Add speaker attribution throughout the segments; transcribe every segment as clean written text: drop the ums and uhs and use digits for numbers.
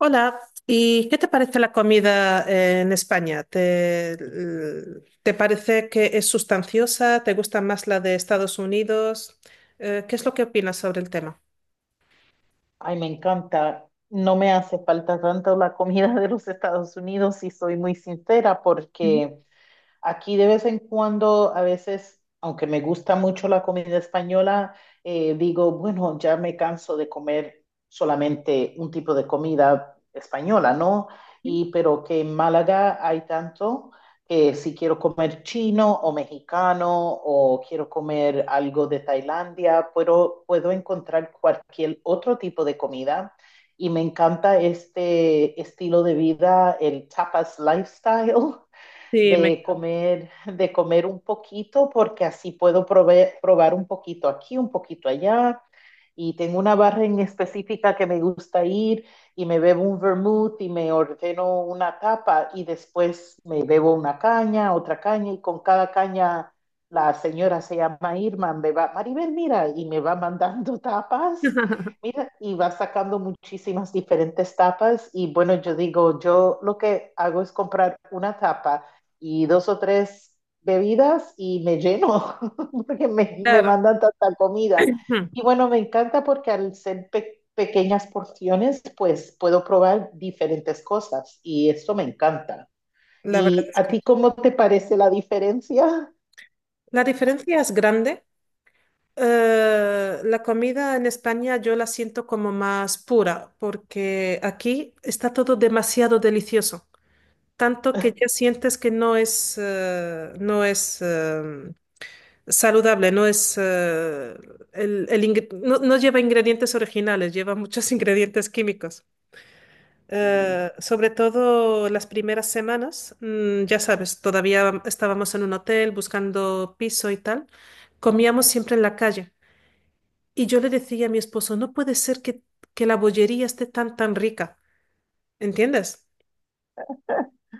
Speaker 1: Hola, ¿y qué te parece la comida en España? ¿Te parece que es sustanciosa? ¿Te gusta más la de Estados Unidos? ¿Qué es lo que opinas sobre el tema?
Speaker 2: Ay, me encanta. No me hace falta tanto la comida de los Estados Unidos, si soy muy sincera, porque aquí de vez en cuando, a veces, aunque me gusta mucho la comida española, digo, bueno, ya me canso de comer solamente un tipo de comida española, ¿no? Y pero que en Málaga hay tanto que si quiero comer chino o mexicano o quiero comer algo de Tailandia, puedo encontrar cualquier otro tipo de comida. Y me encanta este estilo de vida, el tapas lifestyle.
Speaker 1: Sí, me...
Speaker 2: De comer, de comer un poquito, porque así puedo probar un poquito aquí, un poquito allá. Y tengo una barra en específica que me gusta ir y me bebo un vermouth y me ordeno una tapa y después me bebo una caña, otra caña y con cada caña la señora se llama Irma, me va, Maribel, mira, y me va mandando tapas, mira, y va sacando muchísimas diferentes tapas y bueno, yo digo, yo lo que hago es comprar una tapa y dos o tres bebidas y me lleno, porque me
Speaker 1: Claro.
Speaker 2: mandan tanta comida.
Speaker 1: Ujú.
Speaker 2: Y bueno, me encanta porque al ser pequeñas porciones, pues puedo probar diferentes cosas y esto me encanta.
Speaker 1: La verdad
Speaker 2: ¿Y
Speaker 1: es
Speaker 2: a
Speaker 1: que
Speaker 2: ti cómo te parece la diferencia?
Speaker 1: la diferencia es grande. La comida en España yo la siento como más pura, porque aquí está todo demasiado delicioso, tanto que ya sientes que saludable, no es no, no lleva ingredientes originales, lleva muchos ingredientes químicos.
Speaker 2: Sí.
Speaker 1: Sobre todo las primeras semanas, ya sabes, todavía estábamos en un hotel buscando piso y tal, comíamos siempre en la calle. Y yo le decía a mi esposo, no puede ser que la bollería esté tan rica, ¿entiendes?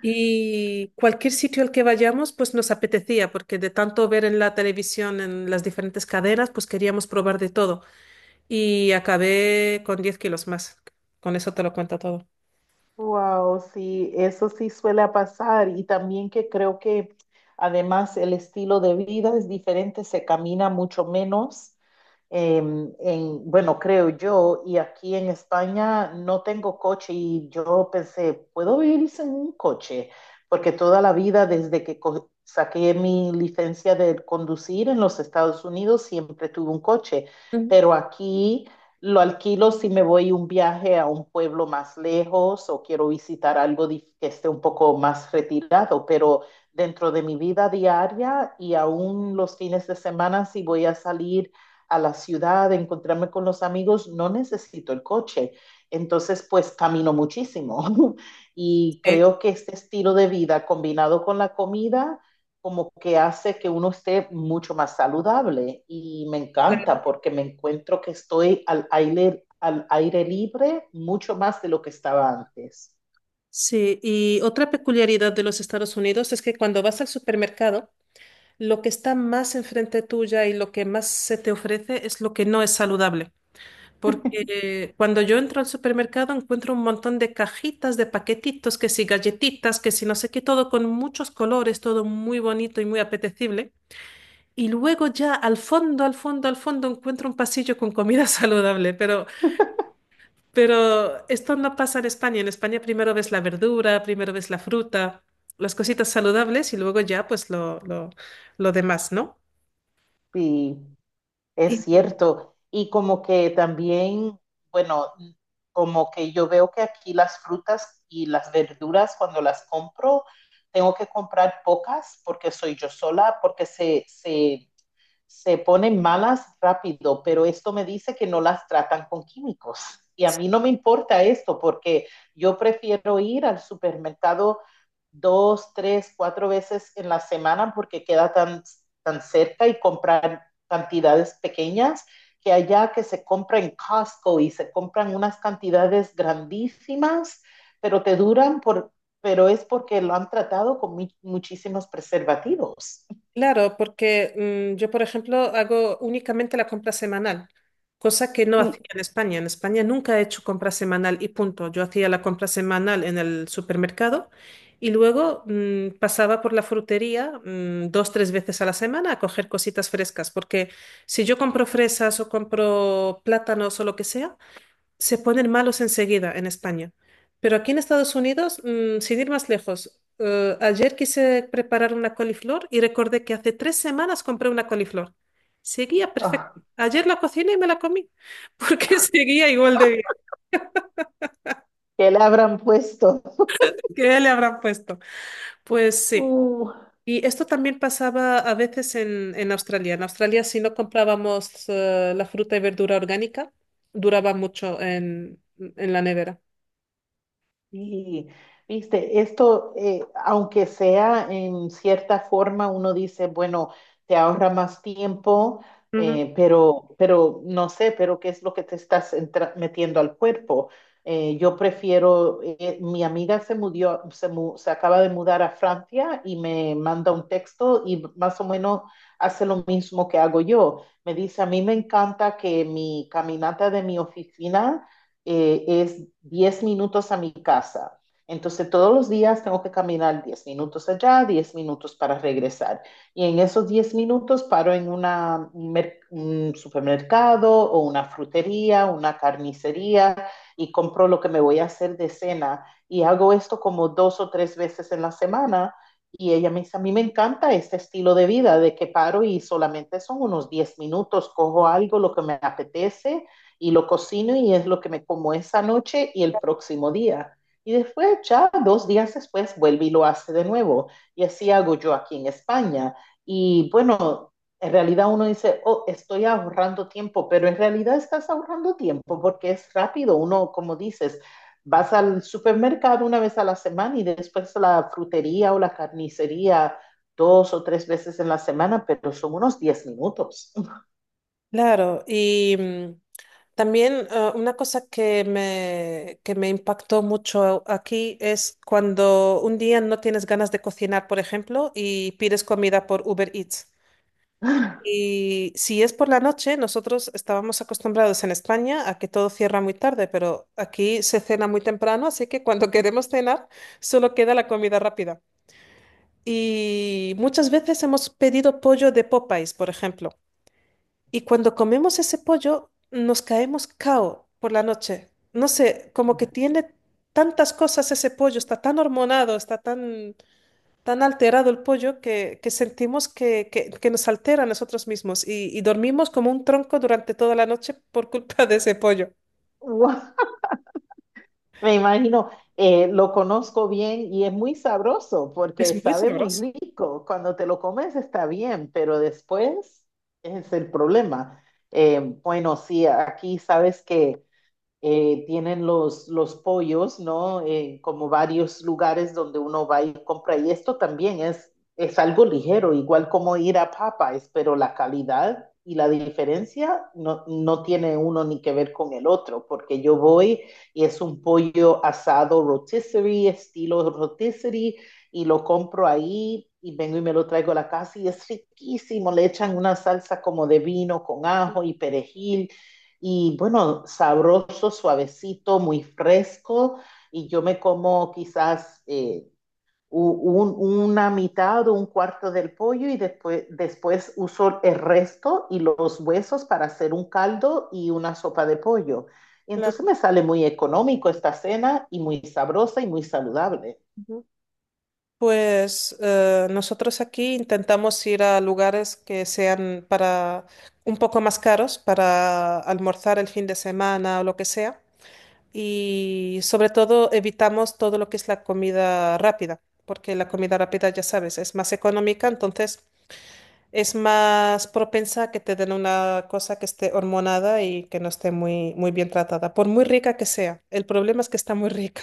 Speaker 1: Y cualquier sitio al que vayamos, pues nos apetecía, porque de tanto ver en la televisión, en las diferentes cadenas, pues queríamos probar de todo. Y acabé con 10 kilos más. Con eso te lo cuento todo.
Speaker 2: Wow, sí, eso sí suele pasar y también que creo que además el estilo de vida es diferente, se camina mucho menos, eh, en, bueno, creo yo, y aquí en España no tengo coche y yo pensé, ¿puedo vivir sin un coche? Porque toda la vida, desde que saqué mi licencia de conducir en los Estados Unidos, siempre tuve un coche,
Speaker 1: Ujú.
Speaker 2: pero aquí lo alquilo si me voy un viaje a un pueblo más lejos o quiero visitar algo que esté un poco más retirado, pero dentro de mi vida diaria y aún los fines de semana, si voy a salir a la ciudad, de encontrarme con los amigos, no necesito el coche. Entonces, pues camino muchísimo. Y
Speaker 1: Sí,
Speaker 2: creo que este estilo de vida combinado con la comida, como que hace que uno esté mucho más saludable. Y me
Speaker 1: claro.
Speaker 2: encanta porque me encuentro que estoy al aire libre mucho más de lo que estaba antes.
Speaker 1: Sí, y otra peculiaridad de los Estados Unidos es que cuando vas al supermercado, lo que está más enfrente tuya y lo que más se te ofrece es lo que no es saludable. Porque cuando yo entro al supermercado encuentro un montón de cajitas, de paquetitos, que si galletitas, que si no sé qué, todo con muchos colores, todo muy bonito y muy apetecible. Y luego ya al fondo encuentro un pasillo con comida saludable, pero esto no pasa en España. En España primero ves la verdura, primero ves la fruta, las cositas saludables y luego ya pues lo demás, ¿no?
Speaker 2: Y es
Speaker 1: Y
Speaker 2: cierto. Y como que también, bueno, como que yo veo que aquí las frutas y las verduras, cuando las compro, tengo que comprar pocas porque soy yo sola, porque se se ponen malas rápido, pero esto me dice que no las tratan con químicos. Y a mí no me importa esto porque yo prefiero ir al supermercado dos, tres, cuatro veces en la semana porque queda tan, tan cerca y comprar cantidades pequeñas que allá que se compra en Costco y se compran unas cantidades grandísimas, pero te duran por, pero es porque lo han tratado con muchísimos preservativos.
Speaker 1: claro, porque yo, por ejemplo, hago únicamente la compra semanal, cosa que no hacía
Speaker 2: Sí,
Speaker 1: en España. En España nunca he hecho compra semanal y punto. Yo hacía la compra semanal en el supermercado y luego pasaba por la frutería dos, tres veces a la semana a coger cositas frescas, porque si yo compro fresas o compro plátanos o lo que sea, se ponen malos enseguida en España. Pero aquí en Estados Unidos, sin ir más lejos, ayer quise preparar una coliflor y recordé que hace 3 semanas compré una coliflor. Seguía
Speaker 2: oh,
Speaker 1: perfecta. Ayer la cociné y me la comí, porque seguía igual de bien.
Speaker 2: que le habrán puesto.
Speaker 1: ¿Qué le habrán puesto? Pues sí.
Speaker 2: Uh,
Speaker 1: Y esto también pasaba a veces en Australia. En Australia, si no comprábamos la fruta y verdura orgánica, duraba mucho en la nevera.
Speaker 2: y, viste, esto, aunque sea en cierta forma, uno dice, bueno, te ahorra más tiempo, pero no sé, pero qué es lo que te estás metiendo al cuerpo. Yo prefiero, mi amiga se mudó, se acaba de mudar a Francia y me manda un texto y más o menos hace lo mismo que hago yo. Me dice, a mí me encanta que mi caminata de mi oficina es 10 minutos a mi casa. Entonces todos los días tengo que caminar 10 minutos allá, 10 minutos para regresar. Y en esos 10 minutos paro en un supermercado o una frutería, una carnicería y compro lo que me voy a hacer de cena. Y hago esto como dos o tres veces en la semana. Y ella me dice, a mí me encanta este estilo de vida, de que paro y solamente son unos 10 minutos, cojo algo, lo que me apetece y lo cocino y es lo que me como esa noche y el próximo día. Y después, ya dos días después, vuelve y lo hace de nuevo. Y así hago yo aquí en España. Y bueno, en realidad uno dice, oh, estoy ahorrando tiempo, pero en realidad estás ahorrando tiempo porque es rápido. Uno, como dices, vas al supermercado una vez a la semana y después a la frutería o la carnicería dos o tres veces en la semana, pero son unos 10 minutos.
Speaker 1: Claro, y también una cosa que que me impactó mucho aquí es cuando un día no tienes ganas de cocinar, por ejemplo, y pides comida por Uber Eats. Y si es por la noche, nosotros estábamos acostumbrados en España a que todo cierra muy tarde, pero aquí se cena muy temprano, así que cuando queremos cenar solo queda la comida rápida. Y muchas veces hemos pedido pollo de Popeyes, por ejemplo. Y cuando comemos ese pollo, nos caemos cao por la noche. No sé, como que tiene tantas cosas ese pollo, está tan hormonado, tan alterado el pollo que sentimos que nos altera a nosotros mismos y dormimos como un tronco durante toda la noche por culpa de ese pollo.
Speaker 2: Wow. Me imagino, lo conozco bien y es muy sabroso porque
Speaker 1: Es muy
Speaker 2: sabe muy
Speaker 1: sabroso.
Speaker 2: rico. Cuando te lo comes está bien, pero después es el problema. Bueno, sí, aquí sabes que tienen los pollos, ¿no? Como varios lugares donde uno va y compra. Y esto también es algo ligero, igual como ir a Popeyes, pero la calidad y la diferencia no, no tiene uno ni que ver con el otro, porque yo voy y es un pollo asado rotisserie, estilo rotisserie, y lo compro ahí y vengo y me lo traigo a la casa y es riquísimo, le echan una salsa como de vino con ajo y perejil y bueno, sabroso, suavecito, muy fresco y yo me como quizás una mitad o un cuarto del pollo y después, después uso el resto y los huesos para hacer un caldo y una sopa de pollo. Y entonces
Speaker 1: Claro.
Speaker 2: me sale muy económico esta cena y muy sabrosa y muy saludable.
Speaker 1: Ujú. Pues nosotros aquí intentamos ir a lugares que sean para un poco más caros para almorzar el fin de semana o lo que sea. Y sobre todo evitamos todo lo que es la comida rápida, porque la comida rápida, ya sabes, es más económica, entonces es más propensa a que te den una cosa que esté hormonada y que no esté muy bien tratada, por muy rica que sea. El problema es que está muy rica.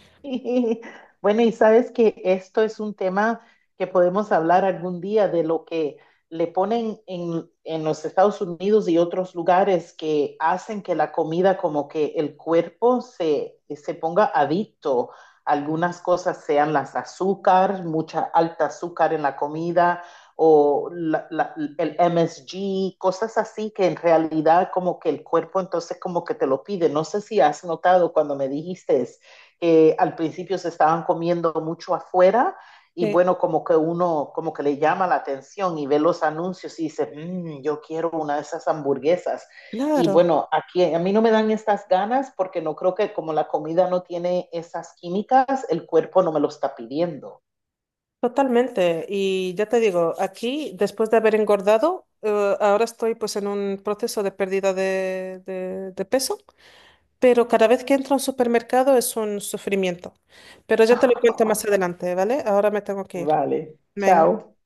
Speaker 2: Sí. Bueno, y sabes que esto es un tema que podemos hablar algún día de lo que le ponen en los Estados Unidos y otros lugares que hacen que la comida, como que el cuerpo se, se ponga adicto. Algunas cosas sean las azúcar, mucha alta azúcar en la comida o el MSG, cosas así que en realidad como que el cuerpo entonces como que te lo pide. No sé si has notado cuando me dijiste al principio se estaban comiendo mucho afuera y
Speaker 1: Sí,
Speaker 2: bueno, como que uno, como que le llama la atención y ve los anuncios y dice, mmm, yo quiero una de esas hamburguesas. Y
Speaker 1: claro,
Speaker 2: bueno, aquí a mí no me dan estas ganas porque no creo que como la comida no tiene esas químicas, el cuerpo no me lo está pidiendo.
Speaker 1: totalmente. Y ya te digo, aquí, después de haber engordado, ahora estoy pues en un proceso de pérdida de peso. Pero cada vez que entro a un supermercado es un sufrimiento. Pero ya te lo cuento más adelante, ¿vale? Ahora me tengo que ir.
Speaker 2: Vale,
Speaker 1: Venga.
Speaker 2: chao.